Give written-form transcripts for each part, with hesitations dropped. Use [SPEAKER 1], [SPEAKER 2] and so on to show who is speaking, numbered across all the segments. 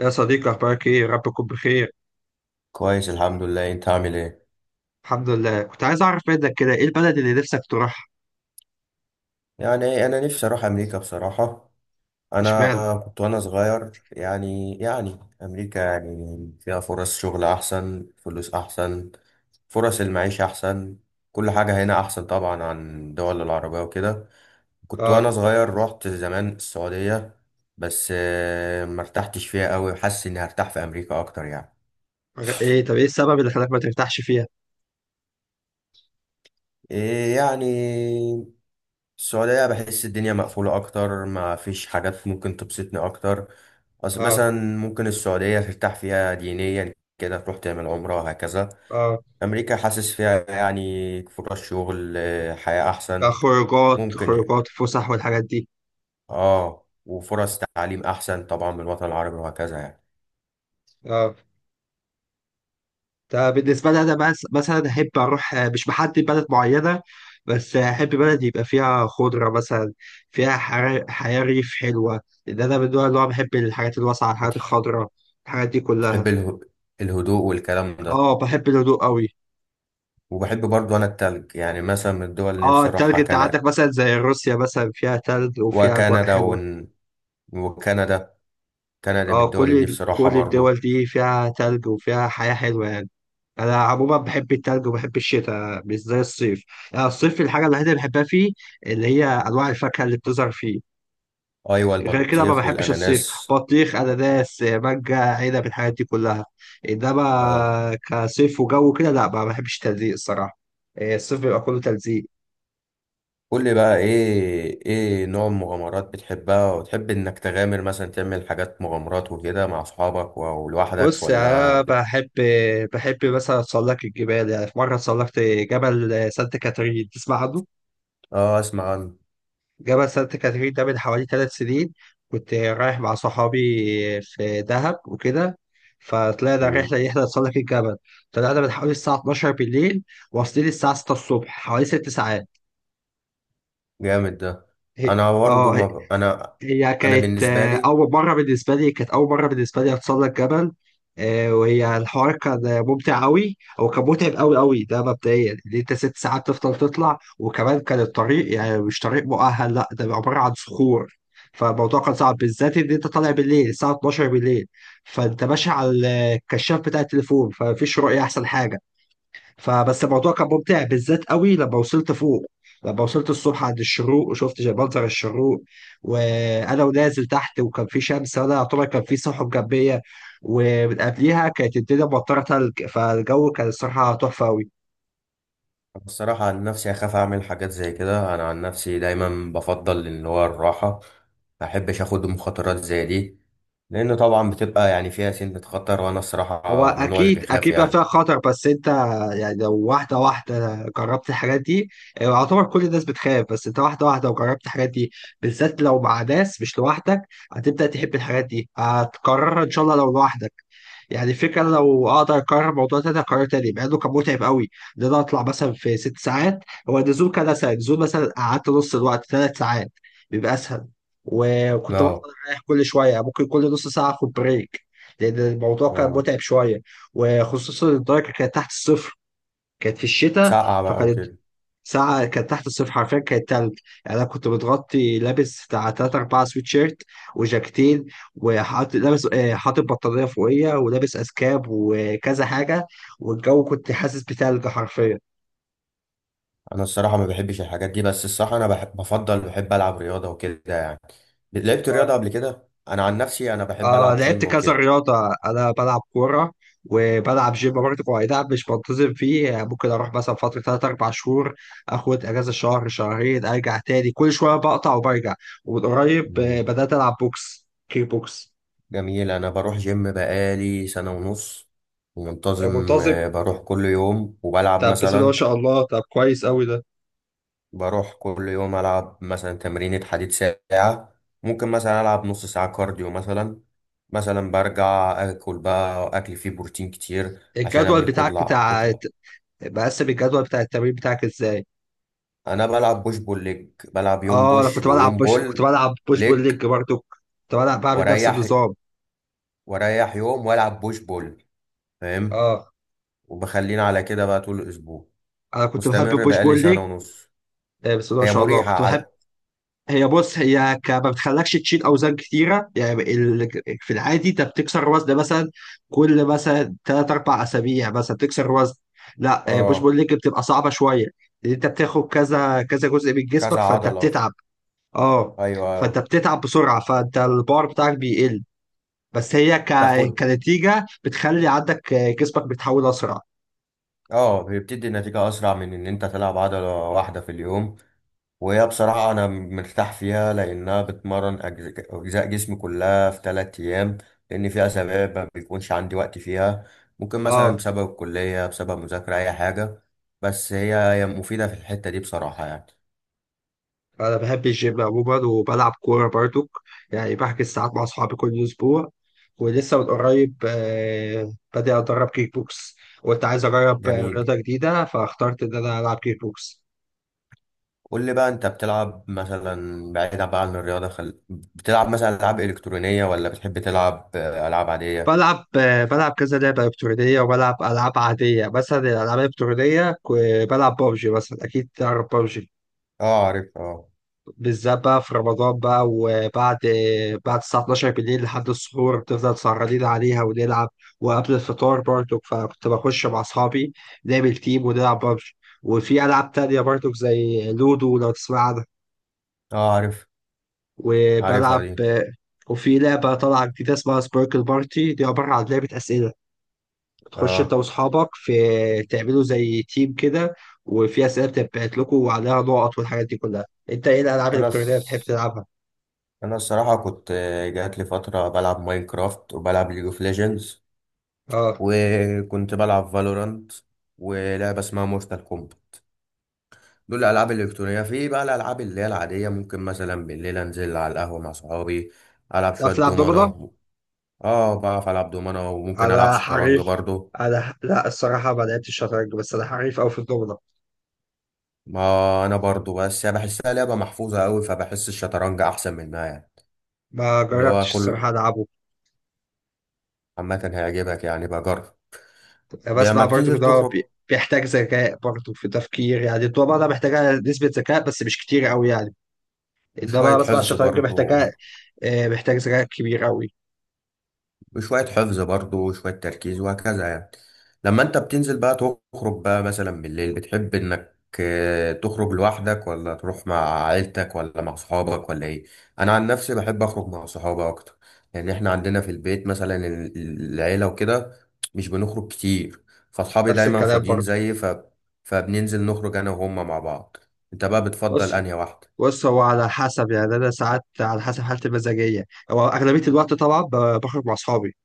[SPEAKER 1] يا صديقي أخبارك إيه؟ يا رب تكون بخير.
[SPEAKER 2] كويس، الحمد لله. انت عامل ايه؟
[SPEAKER 1] الحمد لله، كنت عايز أعرف منك كده إيه البلد اللي نفسك تروحها؟
[SPEAKER 2] يعني انا نفسي اروح امريكا بصراحة.
[SPEAKER 1] إشمعنى؟
[SPEAKER 2] انا كنت وانا صغير يعني امريكا يعني فيها فرص شغل احسن، فلوس احسن. فرص المعيشة احسن. كل حاجة هنا احسن طبعا عن دول العربية وكده. كنت وانا
[SPEAKER 1] آه.
[SPEAKER 2] صغير رحت زمان السعودية. بس ما ارتحتش فيها قوي، حاسس اني هرتاح في امريكا اكتر يعني.
[SPEAKER 1] طب إيه السبب اللي خلاك ما ترتاحش فيها؟
[SPEAKER 2] إيه يعني، السعودية بحس الدنيا مقفولة أكتر، ما فيش حاجات ممكن تبسطني أكتر.
[SPEAKER 1] آه،
[SPEAKER 2] مثلا، ممكن السعودية ترتاح فيها دينيا كده، تروح تعمل عمرة وهكذا.
[SPEAKER 1] آه.
[SPEAKER 2] أمريكا حاسس فيها يعني فرص شغل، حياة أحسن
[SPEAKER 1] كخروجات،
[SPEAKER 2] ممكن يعني.
[SPEAKER 1] خروجات، فسح والحاجات دي.
[SPEAKER 2] وفرص تعليم أحسن طبعا من الوطن العربي وهكذا يعني.
[SPEAKER 1] آه. ده بالنسبة لي أنا مثلا أحب أروح مش بحدد بلد معينة، بس أحب بلد يبقى فيها خضرة مثلا، فيها حياة ريف حلوة، لأن أنا من النوع اللي هو بحب الحاجات الواسعة، الحاجات
[SPEAKER 2] بتح-
[SPEAKER 1] الخضراء، الحاجات دي
[SPEAKER 2] بتحب
[SPEAKER 1] كلها.
[SPEAKER 2] الهدوء والكلام ده؟
[SPEAKER 1] آه، بحب الهدوء أوي.
[SPEAKER 2] وبحب برضو أنا التلج، يعني مثلا من الدول اللي
[SPEAKER 1] اه،
[SPEAKER 2] نفسي
[SPEAKER 1] التلج
[SPEAKER 2] أروحها
[SPEAKER 1] انت
[SPEAKER 2] كندا.
[SPEAKER 1] عندك مثلا زي روسيا، مثلا فيها تلج وفيها اجواء
[SPEAKER 2] وكندا
[SPEAKER 1] حلوه.
[SPEAKER 2] ون- وكندا كندا من
[SPEAKER 1] اه،
[SPEAKER 2] الدول اللي
[SPEAKER 1] كل
[SPEAKER 2] نفسي أروحها
[SPEAKER 1] كل
[SPEAKER 2] برضو.
[SPEAKER 1] الدول دي فيها تلج وفيها حياه حلوه يعني. انا عموما بحب التلج وبحب الشتاء مش زي الصيف. يعني الصيف الحاجه الوحيده اللي بحبها فيه اللي هي انواع الفاكهه اللي بتظهر فيه.
[SPEAKER 2] ايوه،
[SPEAKER 1] غير كده ما
[SPEAKER 2] البطيخ
[SPEAKER 1] بحبش الصيف.
[SPEAKER 2] والاناناس.
[SPEAKER 1] بطيخ، اناناس، مانجا، عنب، الحاجات دي كلها.
[SPEAKER 2] اه.
[SPEAKER 1] انما كصيف وجو كده لا، ما بحبش التلزيق الصراحه. آه، الصيف بيبقى كله تلزيق.
[SPEAKER 2] قول لي بقى، ايه نوع المغامرات بتحبها وتحب انك تغامر، مثلا تعمل حاجات مغامرات وكده مع اصحابك ولوحدك؟
[SPEAKER 1] بص يا، بحب مثلا اتسلق الجبال. يعني في مره اتسلقت جبل سانت كاترين، تسمع عنه.
[SPEAKER 2] اه، اسمع عنه.
[SPEAKER 1] جبل سانت كاترين ده من حوالي 3 سنين، كنت رايح مع صحابي في دهب وكده. فطلعنا
[SPEAKER 2] مم.
[SPEAKER 1] رحله ان احنا نتسلق الجبل. طلعنا من حوالي الساعه 12 بالليل، واصلين الساعه 6 الصبح، حوالي 6 ساعات.
[SPEAKER 2] جامد ده.
[SPEAKER 1] هي-
[SPEAKER 2] انا برضه
[SPEAKER 1] اه
[SPEAKER 2] ما ب... انا
[SPEAKER 1] هي
[SPEAKER 2] انا
[SPEAKER 1] كانت،
[SPEAKER 2] بالنسبه لي،
[SPEAKER 1] أول مرة بالنسبة لي أتسلق جبل. آه، وهي الحوار كان ممتع أوي أو كان متعب أوي أوي. ده مبدئيا إن أنت 6 ساعات تفضل تطلع، وكمان كان الطريق يعني مش طريق مؤهل، لأ ده عبارة عن صخور. فالموضوع كان صعب بالذات إن أنت طالع بالليل الساعة 12 بالليل، فأنت ماشي على الكشاف بتاع التليفون، فمفيش رؤية. أحسن حاجة فبس الموضوع كان ممتع بالذات قوي لما وصلت فوق. لما وصلت الصبح عند الشروق وشفت منظر الشروق، وانا ونازل تحت وكان في شمس، وانا يعتبر كان في سحب جنبية ومن قبليها كانت الدنيا مطرة تلج. فالجو كان الصراحة تحفة أوي.
[SPEAKER 2] الصراحه عن نفسي اخاف اعمل حاجات زي كده. انا عن نفسي دايما بفضل ان هو الراحه، ما احبش اخد مخاطرات زي دي، لان طبعا بتبقى يعني فيها سنة خطر، وانا
[SPEAKER 1] هو
[SPEAKER 2] الصراحه من النوع اللي
[SPEAKER 1] اكيد
[SPEAKER 2] بيخاف
[SPEAKER 1] اكيد بقى
[SPEAKER 2] يعني.
[SPEAKER 1] فيها خطر، بس انت يعني لو واحده واحده جربت الحاجات دي. يعني يعتبر كل الناس بتخاف، بس انت واحده واحده وجربت الحاجات دي، بالذات لو مع ناس مش لوحدك، هتبدا تحب الحاجات دي، هتكررها ان شاء الله لو لوحدك. يعني الفكره، لو اقدر اكرر الموضوع ده اكرر تاني مع انه كان متعب قوي. ان انا اطلع مثلا في 6 ساعات، هو النزول كان اسهل. النزول مثلا قعدت نص الوقت، 3 ساعات، بيبقى اسهل. وكنت بفضل
[SPEAKER 2] اه.
[SPEAKER 1] اريح كل شويه، ممكن كل نص ساعه اخد بريك، لأن الموضوع كان
[SPEAKER 2] اه،
[SPEAKER 1] متعب شوية. وخصوصا الدرجة كانت تحت الصفر، كانت في الشتاء.
[SPEAKER 2] سقعة بقى
[SPEAKER 1] فكانت
[SPEAKER 2] وكده.
[SPEAKER 1] ساعة كانت تحت الصفر حرفيا، كانت تلج. يعني أنا كنت متغطي، لابس بتاع تلات أربعة سويت شيرت وجاكتين، وحاطط لابس حاطط بطانية فوقية ولابس أسكاب وكذا حاجة. والجو كنت حاسس بتلج حرفيا.
[SPEAKER 2] انا الصراحة ما بحبش الحاجات دي، بس الصراحة انا بفضل بحب العب رياضة وكده يعني. لعبت رياضة
[SPEAKER 1] آه.
[SPEAKER 2] قبل كده، انا عن نفسي انا بحب
[SPEAKER 1] اه،
[SPEAKER 2] العب
[SPEAKER 1] لعبت
[SPEAKER 2] جيم
[SPEAKER 1] كذا
[SPEAKER 2] وكده.
[SPEAKER 1] رياضة. أنا بلعب كورة وبلعب جيم برضه. هو أي نعم مش منتظم فيه، يعني ممكن أروح مثلا فترة تلات أربع شهور، آخد أجازة شهر شهرين، أرجع تاني. كل شوية بقطع وبرجع. ومن قريب
[SPEAKER 2] مم.
[SPEAKER 1] بدأت ألعب كيك بوكس.
[SPEAKER 2] جميل. انا بروح جيم بقالي سنة ونص،
[SPEAKER 1] آه،
[SPEAKER 2] منتظم.
[SPEAKER 1] منتظم.
[SPEAKER 2] بروح كل يوم وبلعب
[SPEAKER 1] طب بسم الله ما
[SPEAKER 2] مثلا.
[SPEAKER 1] شاء الله، طب كويس أوي ده.
[SPEAKER 2] بروح كل يوم العب مثلا تمرينة حديد ساعة، ممكن مثلا العب نص ساعة كارديو مثلا. مثلا برجع اكل بقى، اكل فيه بروتين كتير عشان
[SPEAKER 1] الجدول
[SPEAKER 2] ابني
[SPEAKER 1] بتاعك
[SPEAKER 2] كتلة
[SPEAKER 1] بتاع
[SPEAKER 2] كتلة.
[SPEAKER 1] مقسم الجدول بتاع التمرين بتاعك إزاي؟
[SPEAKER 2] انا بلعب بوش بول ليج، بلعب يوم
[SPEAKER 1] اه، أنا
[SPEAKER 2] بوش ويوم
[SPEAKER 1] كنت
[SPEAKER 2] بول
[SPEAKER 1] بلعب بوش بول
[SPEAKER 2] ليج.
[SPEAKER 1] ليج برضه، كنت بلعب بعمل نفس
[SPEAKER 2] واريح
[SPEAKER 1] النظام.
[SPEAKER 2] واريح يوم والعب بوش بول. فاهم.
[SPEAKER 1] اه،
[SPEAKER 2] وبخلينا على كده بقى طول الاسبوع،
[SPEAKER 1] انا كنت بحب
[SPEAKER 2] مستمر
[SPEAKER 1] البوش
[SPEAKER 2] بقالي
[SPEAKER 1] بول.
[SPEAKER 2] سنة ونص.
[SPEAKER 1] آه، بس ده ما
[SPEAKER 2] هي
[SPEAKER 1] شاء الله
[SPEAKER 2] مريحة
[SPEAKER 1] كنت بحب.
[SPEAKER 2] على.
[SPEAKER 1] هي بص هي ك... ما بتخلكش تشيل اوزان كتيره. في العادي انت بتكسر وزن، مثلا كل مثلا ثلاث اربع اسابيع مثلا تكسر وزن. لا، بوش
[SPEAKER 2] اه،
[SPEAKER 1] بول ليج بتبقى صعبه شويه، لان انت بتاخد كذا كذا جزء من
[SPEAKER 2] كذا
[SPEAKER 1] جسمك، فانت
[SPEAKER 2] عضلة.
[SPEAKER 1] بتتعب. اه، فانت
[SPEAKER 2] ايوه.
[SPEAKER 1] بتتعب بسرعه، فانت البار بتاعك بيقل. بس هي ك...
[SPEAKER 2] تاخد.
[SPEAKER 1] كنتيجه بتخلي عندك جسمك بيتحول اسرع.
[SPEAKER 2] اه، بتدي نتيجة اسرع من ان انت تلعب عضلة واحدة في اليوم، وهي بصراحة أنا مرتاح فيها لأنها بتمرن أجزاء جسمي كلها في 3 أيام. لأن في أسابيع ما بيكونش عندي وقت فيها، ممكن مثلا
[SPEAKER 1] اه،
[SPEAKER 2] بسبب الكلية، بسبب مذاكرة أي حاجة. بس هي مفيدة في الحتة دي بصراحة يعني.
[SPEAKER 1] انا بحب الجيم عموما وبلعب كوره برضو. يعني بحجز ساعات مع اصحابي كل اسبوع، ولسه من قريب بادئ اتدرب كيك بوكس. وانت عايز اجرب
[SPEAKER 2] جميل.
[SPEAKER 1] رياضه جديده، فاخترت ان انا العب كيك بوكس.
[SPEAKER 2] قول لي بقى، أنت بتلعب مثلا بعيدا بقى عن الرياضة، بتلعب مثلا ألعاب إلكترونية، ولا بتحب تلعب ألعاب عادية؟
[SPEAKER 1] بلعب كذا لعبه الكترونيه وبلعب العاب عاديه. مثلا الالعاب الالكترونيه بلعب بابجي، مثلا اكيد تعرف بابجي.
[SPEAKER 2] اه، عارف. اه.
[SPEAKER 1] بالذات بقى في رمضان بقى، وبعد بعد الساعة 12 بالليل لحد السحور، بتفضل سهرانين عليها ونلعب. وقبل الفطار برضو، فكنت بخش مع أصحابي نعمل تيم ونلعب ببجي. وفي ألعاب تانية برضو، زي لودو لو تسمع عنها.
[SPEAKER 2] اه، عارف، عارفها
[SPEAKER 1] وبلعب
[SPEAKER 2] دي.
[SPEAKER 1] وفي لعبة طالعة جديدة اسمها سبيركل بارتي، دي عبارة عن لعبة أسئلة. بتخش أنت
[SPEAKER 2] اه،
[SPEAKER 1] وأصحابك، في تعملوا زي تيم كده، وفي أسئلة بتبعت لكم وعليها نقط والحاجات دي كلها. أنت إيه الألعاب
[SPEAKER 2] أنا
[SPEAKER 1] الإلكترونية اللي بتحب تلعبها؟
[SPEAKER 2] انا الصراحه كنت. جات لي فتره بلعب ماينكرافت، وبلعب ليج اوف ليجندز،
[SPEAKER 1] آه،
[SPEAKER 2] وكنت بلعب فالورانت، ولعبه اسمها مورتال كومبات. دول الالعاب الالكترونيه. في بقى الالعاب اللي هي العاديه، ممكن مثلا بالليل انزل على القهوه مع صحابي، العب شويه
[SPEAKER 1] تعرف تلعب دومنة؟
[SPEAKER 2] دومنه. اه، بعرف العب دومنه وممكن العب
[SPEAKER 1] أنا
[SPEAKER 2] شطرنج
[SPEAKER 1] حريف.
[SPEAKER 2] برضو.
[SPEAKER 1] أنا، لا، الصراحة ما لعبتش شطرنج، بس أنا حريف أوي في الدومنة.
[SPEAKER 2] ما انا برضو، بس يعني بحسها لعبه محفوظه قوي، فبحس الشطرنج احسن منها يعني.
[SPEAKER 1] ما
[SPEAKER 2] اللي هو
[SPEAKER 1] جربتش
[SPEAKER 2] كل،
[SPEAKER 1] الصراحة ألعبه.
[SPEAKER 2] عامه هيعجبك يعني بجرب. لما
[SPEAKER 1] بسمع برضه
[SPEAKER 2] بتنزل
[SPEAKER 1] إن هو
[SPEAKER 2] تخرج.
[SPEAKER 1] بيحتاج ذكاء، برضه في تفكير، يعني الدومنة محتاجة نسبة ذكاء بس مش كتير أوي يعني. إنما
[SPEAKER 2] وشوية
[SPEAKER 1] بسمع
[SPEAKER 2] حفظ
[SPEAKER 1] الشطرنج
[SPEAKER 2] برضه
[SPEAKER 1] محتاجة، آه، محتاج ذكاء كبير أوي.
[SPEAKER 2] وشوية حفظ برضه وشوية تركيز وهكذا يعني. لما انت بتنزل بقى تخرج بقى مثلا بالليل، بتحب انك تخرج لوحدك، ولا تروح مع عيلتك، ولا مع صحابك، ولا ايه؟ انا عن نفسي بحب اخرج مع صحابي اكتر، لان احنا عندنا في البيت مثلا العيلة وكده، مش بنخرج كتير. فاصحابي
[SPEAKER 1] نفس
[SPEAKER 2] دايما
[SPEAKER 1] الكلام
[SPEAKER 2] فاضيين
[SPEAKER 1] برضه.
[SPEAKER 2] زيي. فبننزل نخرج انا وهم مع بعض. انت بقى بتفضل
[SPEAKER 1] بص،
[SPEAKER 2] انهي واحدة؟
[SPEAKER 1] بص هو على حسب، يعني أنا ساعات على حسب حالتي المزاجية. هو أغلبية الوقت طبعا بخرج مع أصحابي.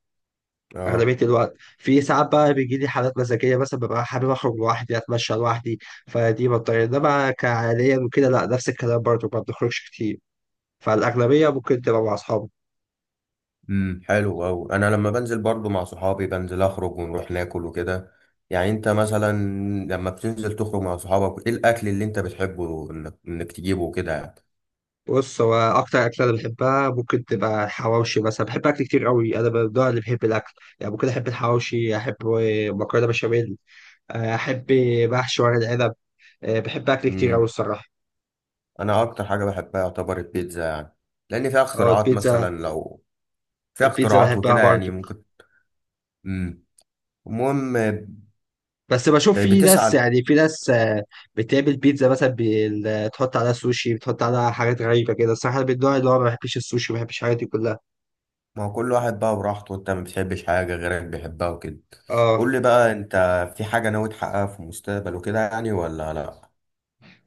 [SPEAKER 2] اه.
[SPEAKER 1] أغلبية الوقت في ساعات بقى بيجي لي حالات مزاجية، مثلا ببقى حابب أخرج لوحدي، أتمشى لوحدي. فدي بضطر، إنما كعاليا وكده لأ، نفس الكلام برضه ما بنخرجش كتير. فالأغلبية ممكن تبقى مع أصحابي.
[SPEAKER 2] حلو أوي. أنا لما بنزل برضو مع صحابي بنزل أخرج ونروح ناكل وكده يعني. أنت مثلا لما بتنزل تخرج مع صحابك، إيه الأكل اللي أنت بتحبه إنك تجيبه وكده يعني؟
[SPEAKER 1] بص، هو أكتر أكلة أنا بحبها ممكن تبقى الحواوشي مثلا. بحب أكل كتير قوي، أنا من النوع اللي بحب الأكل. يعني ممكن أحب الحواوشي، أحب مكرونة بشاميل، أحب محشي ورق العنب. أه، بحب أكل كتير قوي
[SPEAKER 2] امم
[SPEAKER 1] الصراحة.
[SPEAKER 2] أنا أكتر حاجة بحبها يعتبر البيتزا يعني. لأن فيها
[SPEAKER 1] أه،
[SPEAKER 2] اختراعات،
[SPEAKER 1] البيتزا.
[SPEAKER 2] مثلا لو فيها
[SPEAKER 1] البيتزا
[SPEAKER 2] اختراعات
[SPEAKER 1] بحبها
[SPEAKER 2] وكده يعني
[SPEAKER 1] برضه.
[SPEAKER 2] ممكن. امم المهم،
[SPEAKER 1] بس بشوف
[SPEAKER 2] بتسأل.
[SPEAKER 1] في ناس بتعمل بيتزا مثلا تحط عليها سوشي، بتحط عليها حاجات غريبة كده. الصراحة أنا من النوع اللي هو ما بحبش السوشي، ما بحبش الحاجات دي كلها.
[SPEAKER 2] ما هو كل واحد بقى براحته، وأنت ما بتحبش حاجة غيرك بيحبها وكده.
[SPEAKER 1] اه،
[SPEAKER 2] قول لي بقى، أنت في حاجة ناوي تحققها في المستقبل وكده يعني، ولا لأ؟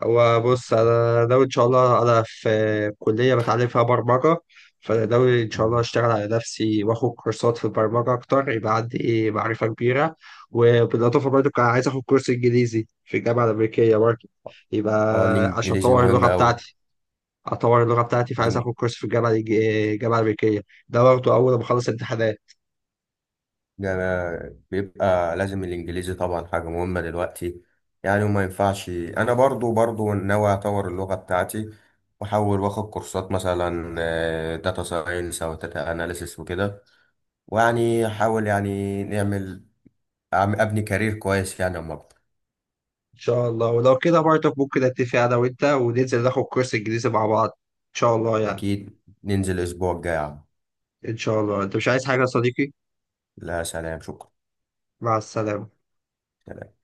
[SPEAKER 1] هو بص أنا ناوي إن شاء الله. أنا في كلية بتعلم فيها برمجة، فأنا ناوي إن شاء الله
[SPEAKER 2] امم.
[SPEAKER 1] أشتغل على نفسي وآخد كورسات في البرمجة أكتر، يبقى عندي معرفة كبيرة. وبالإضافة برضه كان عايز آخد كورس إنجليزي في الجامعة الأمريكية برضه، يبقى
[SPEAKER 2] اه،
[SPEAKER 1] عشان
[SPEAKER 2] الانجليزي
[SPEAKER 1] أطور
[SPEAKER 2] مهم
[SPEAKER 1] اللغة
[SPEAKER 2] اوي.
[SPEAKER 1] بتاعتي. اطور اللغه بتاعتي فعايز
[SPEAKER 2] الإن-
[SPEAKER 1] اخد كورس في الجامعه الامريكيه، ده برضه اول ما اخلص امتحانات.
[SPEAKER 2] ده أنا بيبقى لازم الانجليزي طبعا حاجة مهمة دلوقتي. يعني وما ينفعش، انا برضو ناوي اطور اللغة بتاعتي. واحاول واخد كورسات مثلا داتا ساينس او داتا اناليسيس وكده. ويعني احاول يعني نعمل ابني كارير كويس يعني اما اكبر.
[SPEAKER 1] ان شاء الله، ولو كده برضه ممكن اتفق انا وانت وننزل ناخد كورس انجليزي مع بعض ان شاء الله يعني.
[SPEAKER 2] اكيد ننزل الاسبوع الجاي يا عم.
[SPEAKER 1] ان شاء الله. انت مش عايز حاجه يا صديقي؟
[SPEAKER 2] لا، سلام، شكرا.
[SPEAKER 1] مع السلامه.
[SPEAKER 2] سلام.